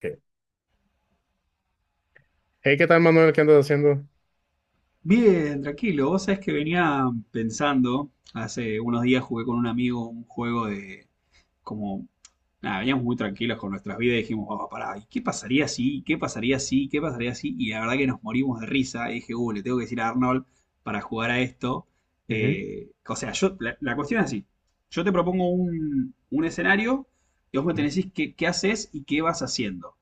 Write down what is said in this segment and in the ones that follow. Ok. Hey, ¿qué tal, Manuel? ¿Qué andas haciendo? Bien, tranquilo. Vos sabés que venía pensando, hace unos días jugué con un amigo un juego de como, nada, veníamos muy tranquilos con nuestras vidas y dijimos, vamos, pará, ¿y qué pasaría si? ¿Qué pasaría si? ¿Qué pasaría si? Y la verdad que nos morimos de risa. Y dije, le tengo que decir a Arnold para jugar a esto. Ujú, O sea, la cuestión es así. Yo te propongo un escenario y vos me ujú. tenés que decir qué haces y qué vas haciendo.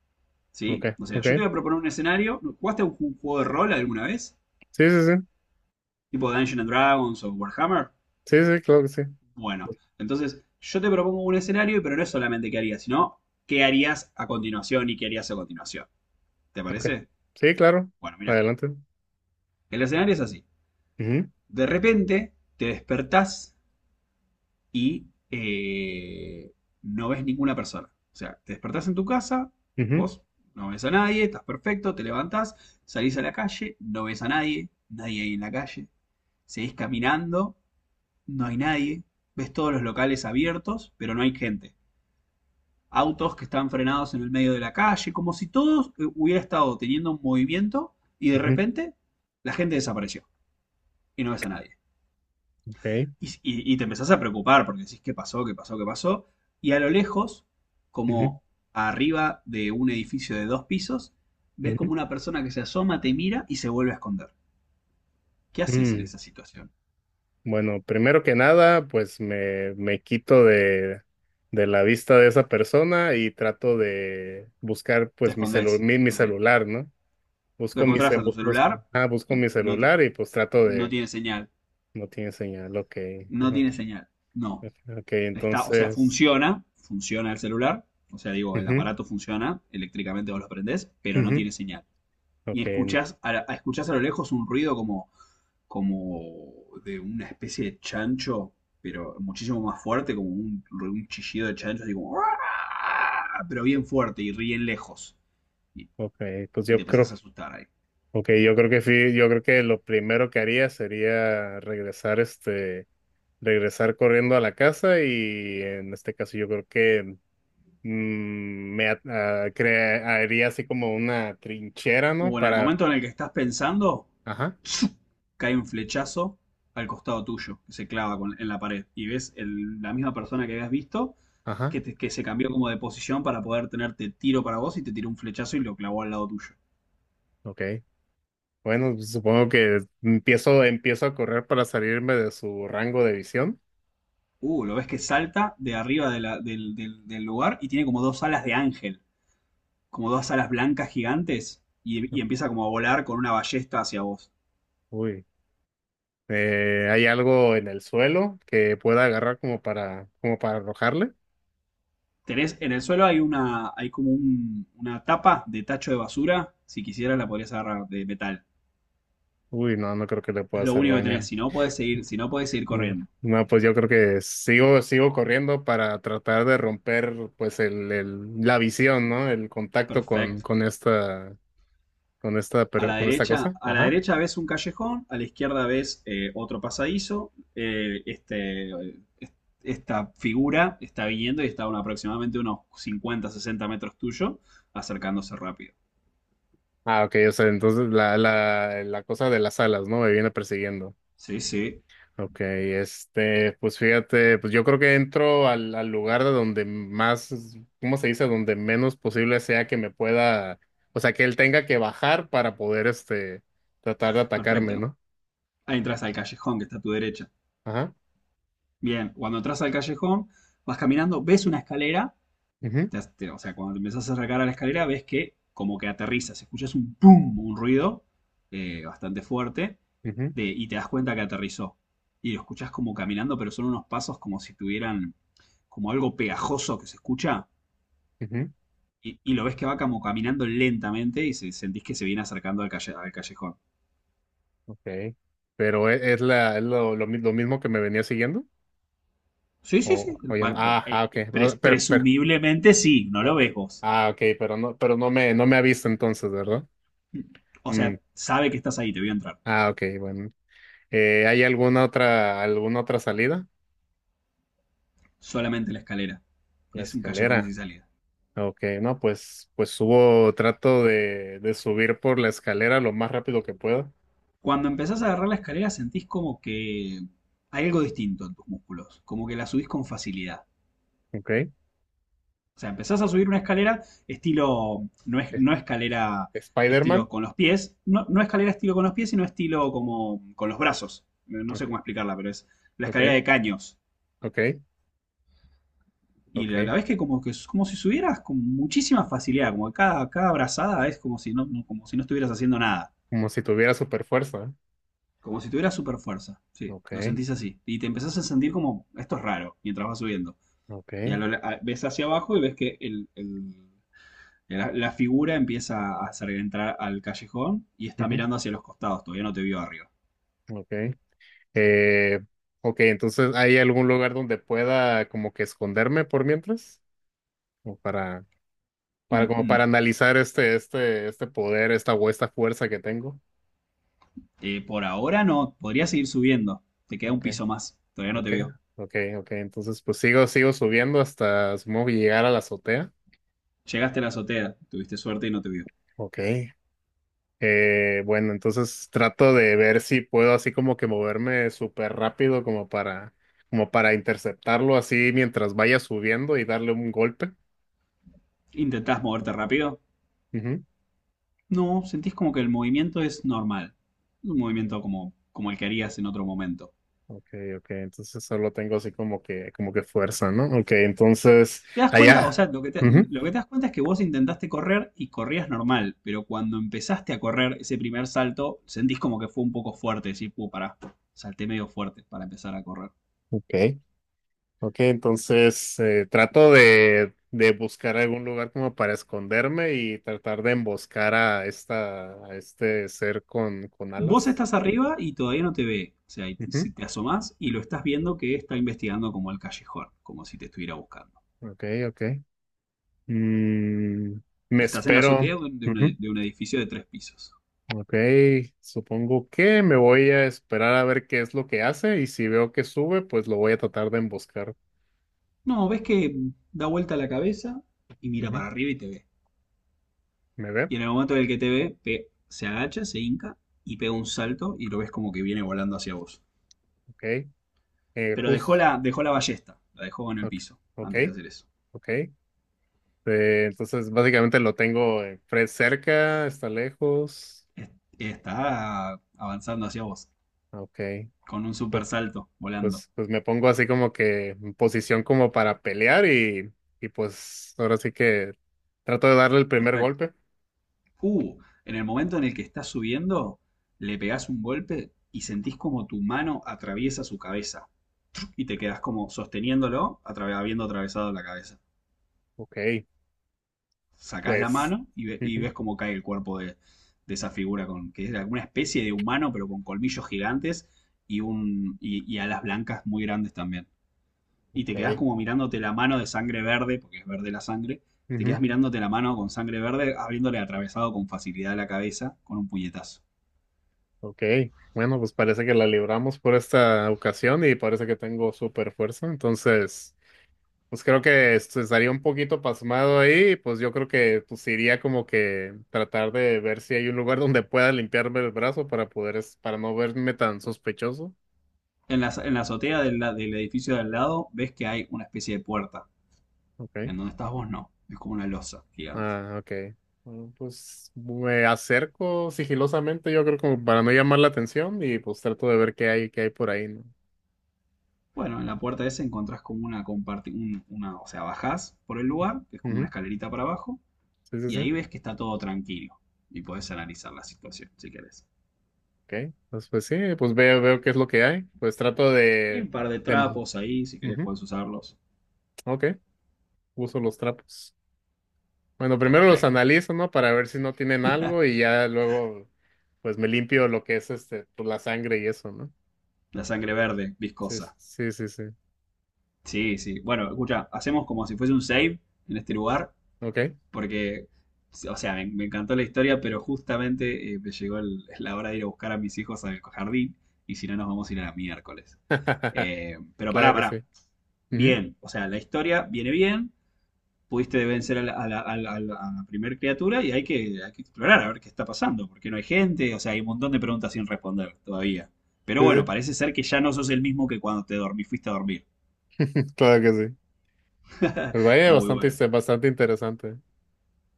Ok, ¿Sí? O sea, ok. yo te voy a proponer un escenario. ¿Jugaste a un juego de rol alguna vez? Sí, sí, sí. Tipo Dungeons and Dragons o Warhammer, Sí, sí, claro que sí. bueno, entonces yo te propongo un escenario, pero no es solamente qué harías, sino qué harías a continuación y qué harías a continuación. ¿Te Ok. parece? Sí, claro. Bueno, mira, Adelante. el escenario es así. Ujú, De repente te despertás y no ves ninguna persona. O sea, te despertás en tu casa, ujú, vos no ves a nadie, estás perfecto, te levantás, salís a la calle, no ves a nadie, nadie ahí en la calle, seguís caminando. No hay nadie. Ves todos los locales abiertos, pero no hay gente. Autos que están frenados en el medio de la calle, como si todo hubiera estado teniendo un movimiento y de ujú. repente la gente desapareció y no ves a nadie. Ok. Y te empezás a preocupar porque decís qué pasó, qué pasó, qué pasó. Y a lo lejos, Ujú, como arriba de un edificio de dos pisos, ves ujú. como una persona que se asoma, te mira y se vuelve a esconder. ¿Qué haces en Mm. esa situación? Bueno, primero que nada, pues me quito de la vista de esa persona y trato de buscar Te pues mi celu- escondés. mi, mi Ok. celular, ¿no? Lo Busco mi, encontrás ce- a tu bu- busco, celular ah, busco y mi no, celular y pues trato no de. tiene señal. No tiene señal, ok. No Ajá. tiene señal. No. Ok, Está, o sea, entonces. funciona, funciona el celular. O sea, digo, el Ujú, aparato funciona, eléctricamente vos lo prendés, pero no ujú. tiene señal. Y Okay, escuchás a lo lejos un ruido como de una especie de chancho, pero muchísimo más fuerte, como un chillido de chancho, así como, pero bien fuerte y bien lejos. Y, okay, y te empezás a asustar ahí. okay, yo creo que lo primero que haría sería regresar, regresar corriendo a la casa y en este caso yo creo que me at- ah, cre- haría así como una trinchera, ¿no? O en el Para, momento en el que estás pensando, ajá, cae un flechazo al costado tuyo, que se clava en la pared. Y ves la misma persona que habías visto, que, ajá, que se cambió como de posición para poder tenerte tiro para vos y te tiró un flechazo y lo clavó al lado tuyo. okay. Bueno, pues supongo que empiezo a correr para salirme de su rango de visión. Lo ves que salta de arriba de del lugar y tiene como dos alas de ángel, como dos alas blancas gigantes, y empieza como a volar con una ballesta hacia vos. Uy. ¿Hay algo en el suelo que pueda agarrar como para arrojarle? Tenés, en el suelo hay una, hay como una tapa de tacho de basura. Si quisieras la podrías agarrar de metal. Uy, no, no creo que le pueda Es lo hacer único que tenés. daño. Si no podés seguir, si no podés seguir No, corriendo. no, pues yo creo que sigo corriendo para tratar de romper pues la visión, ¿no? El contacto con, Perfecto. con esta, con esta, per- con esta cosa. A la Ajá. derecha ves un callejón, a la izquierda ves otro pasadizo. Est- Esta figura está viniendo y está a aproximadamente unos 50 60 metros tuyo, acercándose rápido. Ah, ok, o sea, entonces la cosa de las alas, ¿no? Me viene persiguiendo. Sí, sí. Ok, pues fíjate, pues yo creo que entro al lugar de donde más, ¿cómo se dice? Donde menos posible sea que me pueda, o sea, que él tenga que bajar para poder, tratar de atacarme, Perfecto. ¿no? Ahí entras al callejón que está a tu derecha. Ajá. Bien, cuando entras al callejón, vas caminando, ves una escalera, Mhm, o sea, cuando te empezás a acercar a la escalera, ves que como que aterrizas, escuchas un pum, un ruido bastante fuerte, mhm, y te das cuenta que aterrizó. Y lo escuchas como caminando, pero son unos pasos como si tuvieran como algo pegajoso que se escucha, mhm. Y lo ves que va como caminando lentamente y sentís que se viene acercando al callejón. Okay. Pero es lo, mi- lo mismo que me venía siguiendo, Sí, sí, sí. o va- no. va- Ah, ah, eh, okay. Ah, Presumiblemente sí, no lo okay. ves vos. Ah, okay, no me ha visto entonces, ¿verdad? O Mm. sea, sabe que estás ahí, te voy a entrar. Ah, okay, bueno. ¿Hay alguna otra salida? Solamente la escalera. La Es un callejón sin escalera. salida. Ok, no, pues subo, trato de subir por la escalera lo más rápido que pueda. Cuando empezás a agarrar la escalera sentís como que hay algo distinto en tus músculos, como que la subís con facilidad. Ok. O sea, empezás a subir una escalera estilo, no, es, Es- no escalera estilo Spider-Man. con los pies, no, no escalera estilo con los pies, sino estilo como con los brazos. No no sé Ok, cómo explicarla, pero es la escalera ok, de caños. ok, Y la ok. ves que como, que es como si subieras con muchísima facilidad, como que cada, cada brazada es como si, como si no estuvieras haciendo nada. Como si tuviera super fuerza. Como si tuviera super fuerza. Sí, Ok, lo sentís así. Y te empezás a sentir como, esto es raro, mientras vas subiendo. ok. Y a ves hacia abajo y ves que la figura empieza a hacer entrar al callejón y está Ujú, mirando hacia los costados, todavía no te vio arriba. ok. Eh, ok, entonces, ¿hay algún lugar donde pueda como que esconderme por mientras? Como para, para, Mm, como mm. para analizar este poder, esta fuerza que tengo. Por ahora no, podrías seguir subiendo. Te queda un Ok, piso más, todavía no te ok, vio. ok, ok. Entonces, pues sigo subiendo hasta supongo que llegar a la azotea. Llegaste a la azotea, tuviste suerte y no te vio. Ok. Bueno, entonces trato de ver si puedo así como que moverme súper rápido como para interceptarlo así mientras vaya subiendo y darle un golpe. ¿Intentás moverte rápido? Ujú. No, sentís como que el movimiento es normal. Un Mm, movimiento como, como el que harías en otro momento. ok, ok. Entonces solo tengo así como que fuerza, ¿no? Ok, entonces Te das cuenta, o allá. sea, Ujú, lo que te das cuenta es que vos intentaste correr y corrías normal, pero cuando empezaste a correr ese primer salto, sentís como que fue un poco fuerte, decís, puh, pará, salté medio fuerte para empezar a correr. ok. Ok, entonces trato de buscar algún lugar como para esconderme y tratar de emboscar a a este ser con Vos alas. estás arriba y todavía no te ve, o sea, y si te asomás y lo estás viendo que está investigando como el callejón, como si te estuviera buscando. Ujú, ok, ok. Mm, me Estás en la azotea espero. de Ujú, de un edificio de tres pisos. ok, supongo que me voy a esperar a ver qué es lo que hace y si veo que sube, pues lo voy a tratar de emboscar. No, ves que da vuelta la cabeza y mira Ujú, para arriba y te ve. ¿me ve? Y en el momento en el que te ve, se agacha, se hinca y pega un salto y lo ves como que viene volando hacia vos. Ok. Pero Justo. Dejó la ballesta, la dejó en el Ok, piso ok. antes de hacer eso. Ok. Sí, entonces básicamente lo tengo cerca, está lejos. Está avanzando hacia vos, Ah, ok, con un super pues, salto, volando. pues me pongo así como que en posición como para pelear y pues ahora sí que trato de darle el primer Perfecto. golpe. Uh, en el momento en el que estás subiendo, le pegás un golpe y sentís como tu mano atraviesa su cabeza. Y te quedás como sosteniéndolo, habiendo atravesado la cabeza. Ok, Sacás la pues. mano y, y Ujú, ves cómo cae el cuerpo de esa figura, con, que era una especie de humano, pero con colmillos gigantes y, un, y alas blancas muy grandes también. Y te quedás ok, como mirándote la mano de sangre verde, porque es verde la sangre, te quedás ujú, mirándote la mano con sangre verde, habiéndole atravesado con facilidad la cabeza con un puñetazo. ok. Bueno, pues parece que la libramos por esta ocasión y parece que tengo super fuerza. Entonces. Pues creo que esto estaría un poquito pasmado ahí, pues yo creo que pues iría como que tratar de ver si hay un lugar donde pueda limpiarme el brazo para poder, para no verme tan sospechoso. En la azotea del edificio de al lado ves que hay una especie de puerta. Okay. En donde estás vos no, es como una losa gigante. Ah, okay. Bueno, pues me acerco sigilosamente, yo creo como para no llamar la atención y pues trato de ver qué hay por ahí, ¿no? Bueno, en la puerta esa encontrás como una una, o sea, bajás por el lugar, que es como una Ujú. escalerita para abajo, Sí, sí, y sí. ahí ves que está todo tranquilo y podés analizar la situación si querés. Okay. Pues sí, pues veo, veo qué es lo que hay. Pues trato Hay un de, par de de... trapos ahí, si querés Ujú. podés usarlos. Ok. Uso los trapos. Bueno, primero los Perfecto. analizo, ¿no? Para ver si no tienen algo y ya luego, pues me limpio lo que es pues, la sangre y eso, ¿no? La sangre verde, Sí, viscosa. sí, sí, sí. Sí, sí. Bueno, escucha, hacemos como si fuese un save en este lugar, Ok. porque, o sea, me encantó la historia, pero justamente me llegó la hora de ir a buscar a mis hijos al jardín, y si no nos vamos a ir a la miércoles. Pero pará, Claro que pará. sí. Ujú. Bien. O sea, la historia viene bien, pudiste vencer a a la primer criatura y hay que explorar a ver qué está pasando, porque no hay gente, o sea, hay un montón de preguntas sin responder todavía. Pero Sí, bueno, sí. parece ser que ya no sos el mismo que cuando te dormí, fuiste a dormir. Claro que sí. Pues vaya, Está muy bastante, bueno. este, bastante interesante.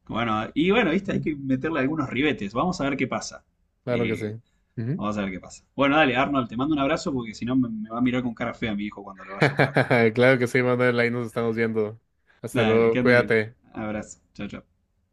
Bueno, y bueno, viste, hay Ujú. que meterle algunos ribetes. Vamos a ver qué pasa. Claro que sí. Eh, Ujú. Vamos a ver qué pasa. Bueno, dale, Arnold, te mando un abrazo porque si no me, me va a mirar con cara fea mi hijo cuando lo vaya a buscar. Claro que sí, Manuel. Ahí nos estamos viendo. Hasta Dale, luego. que andes bien. Cuídate. Abrazo. Chao, chao.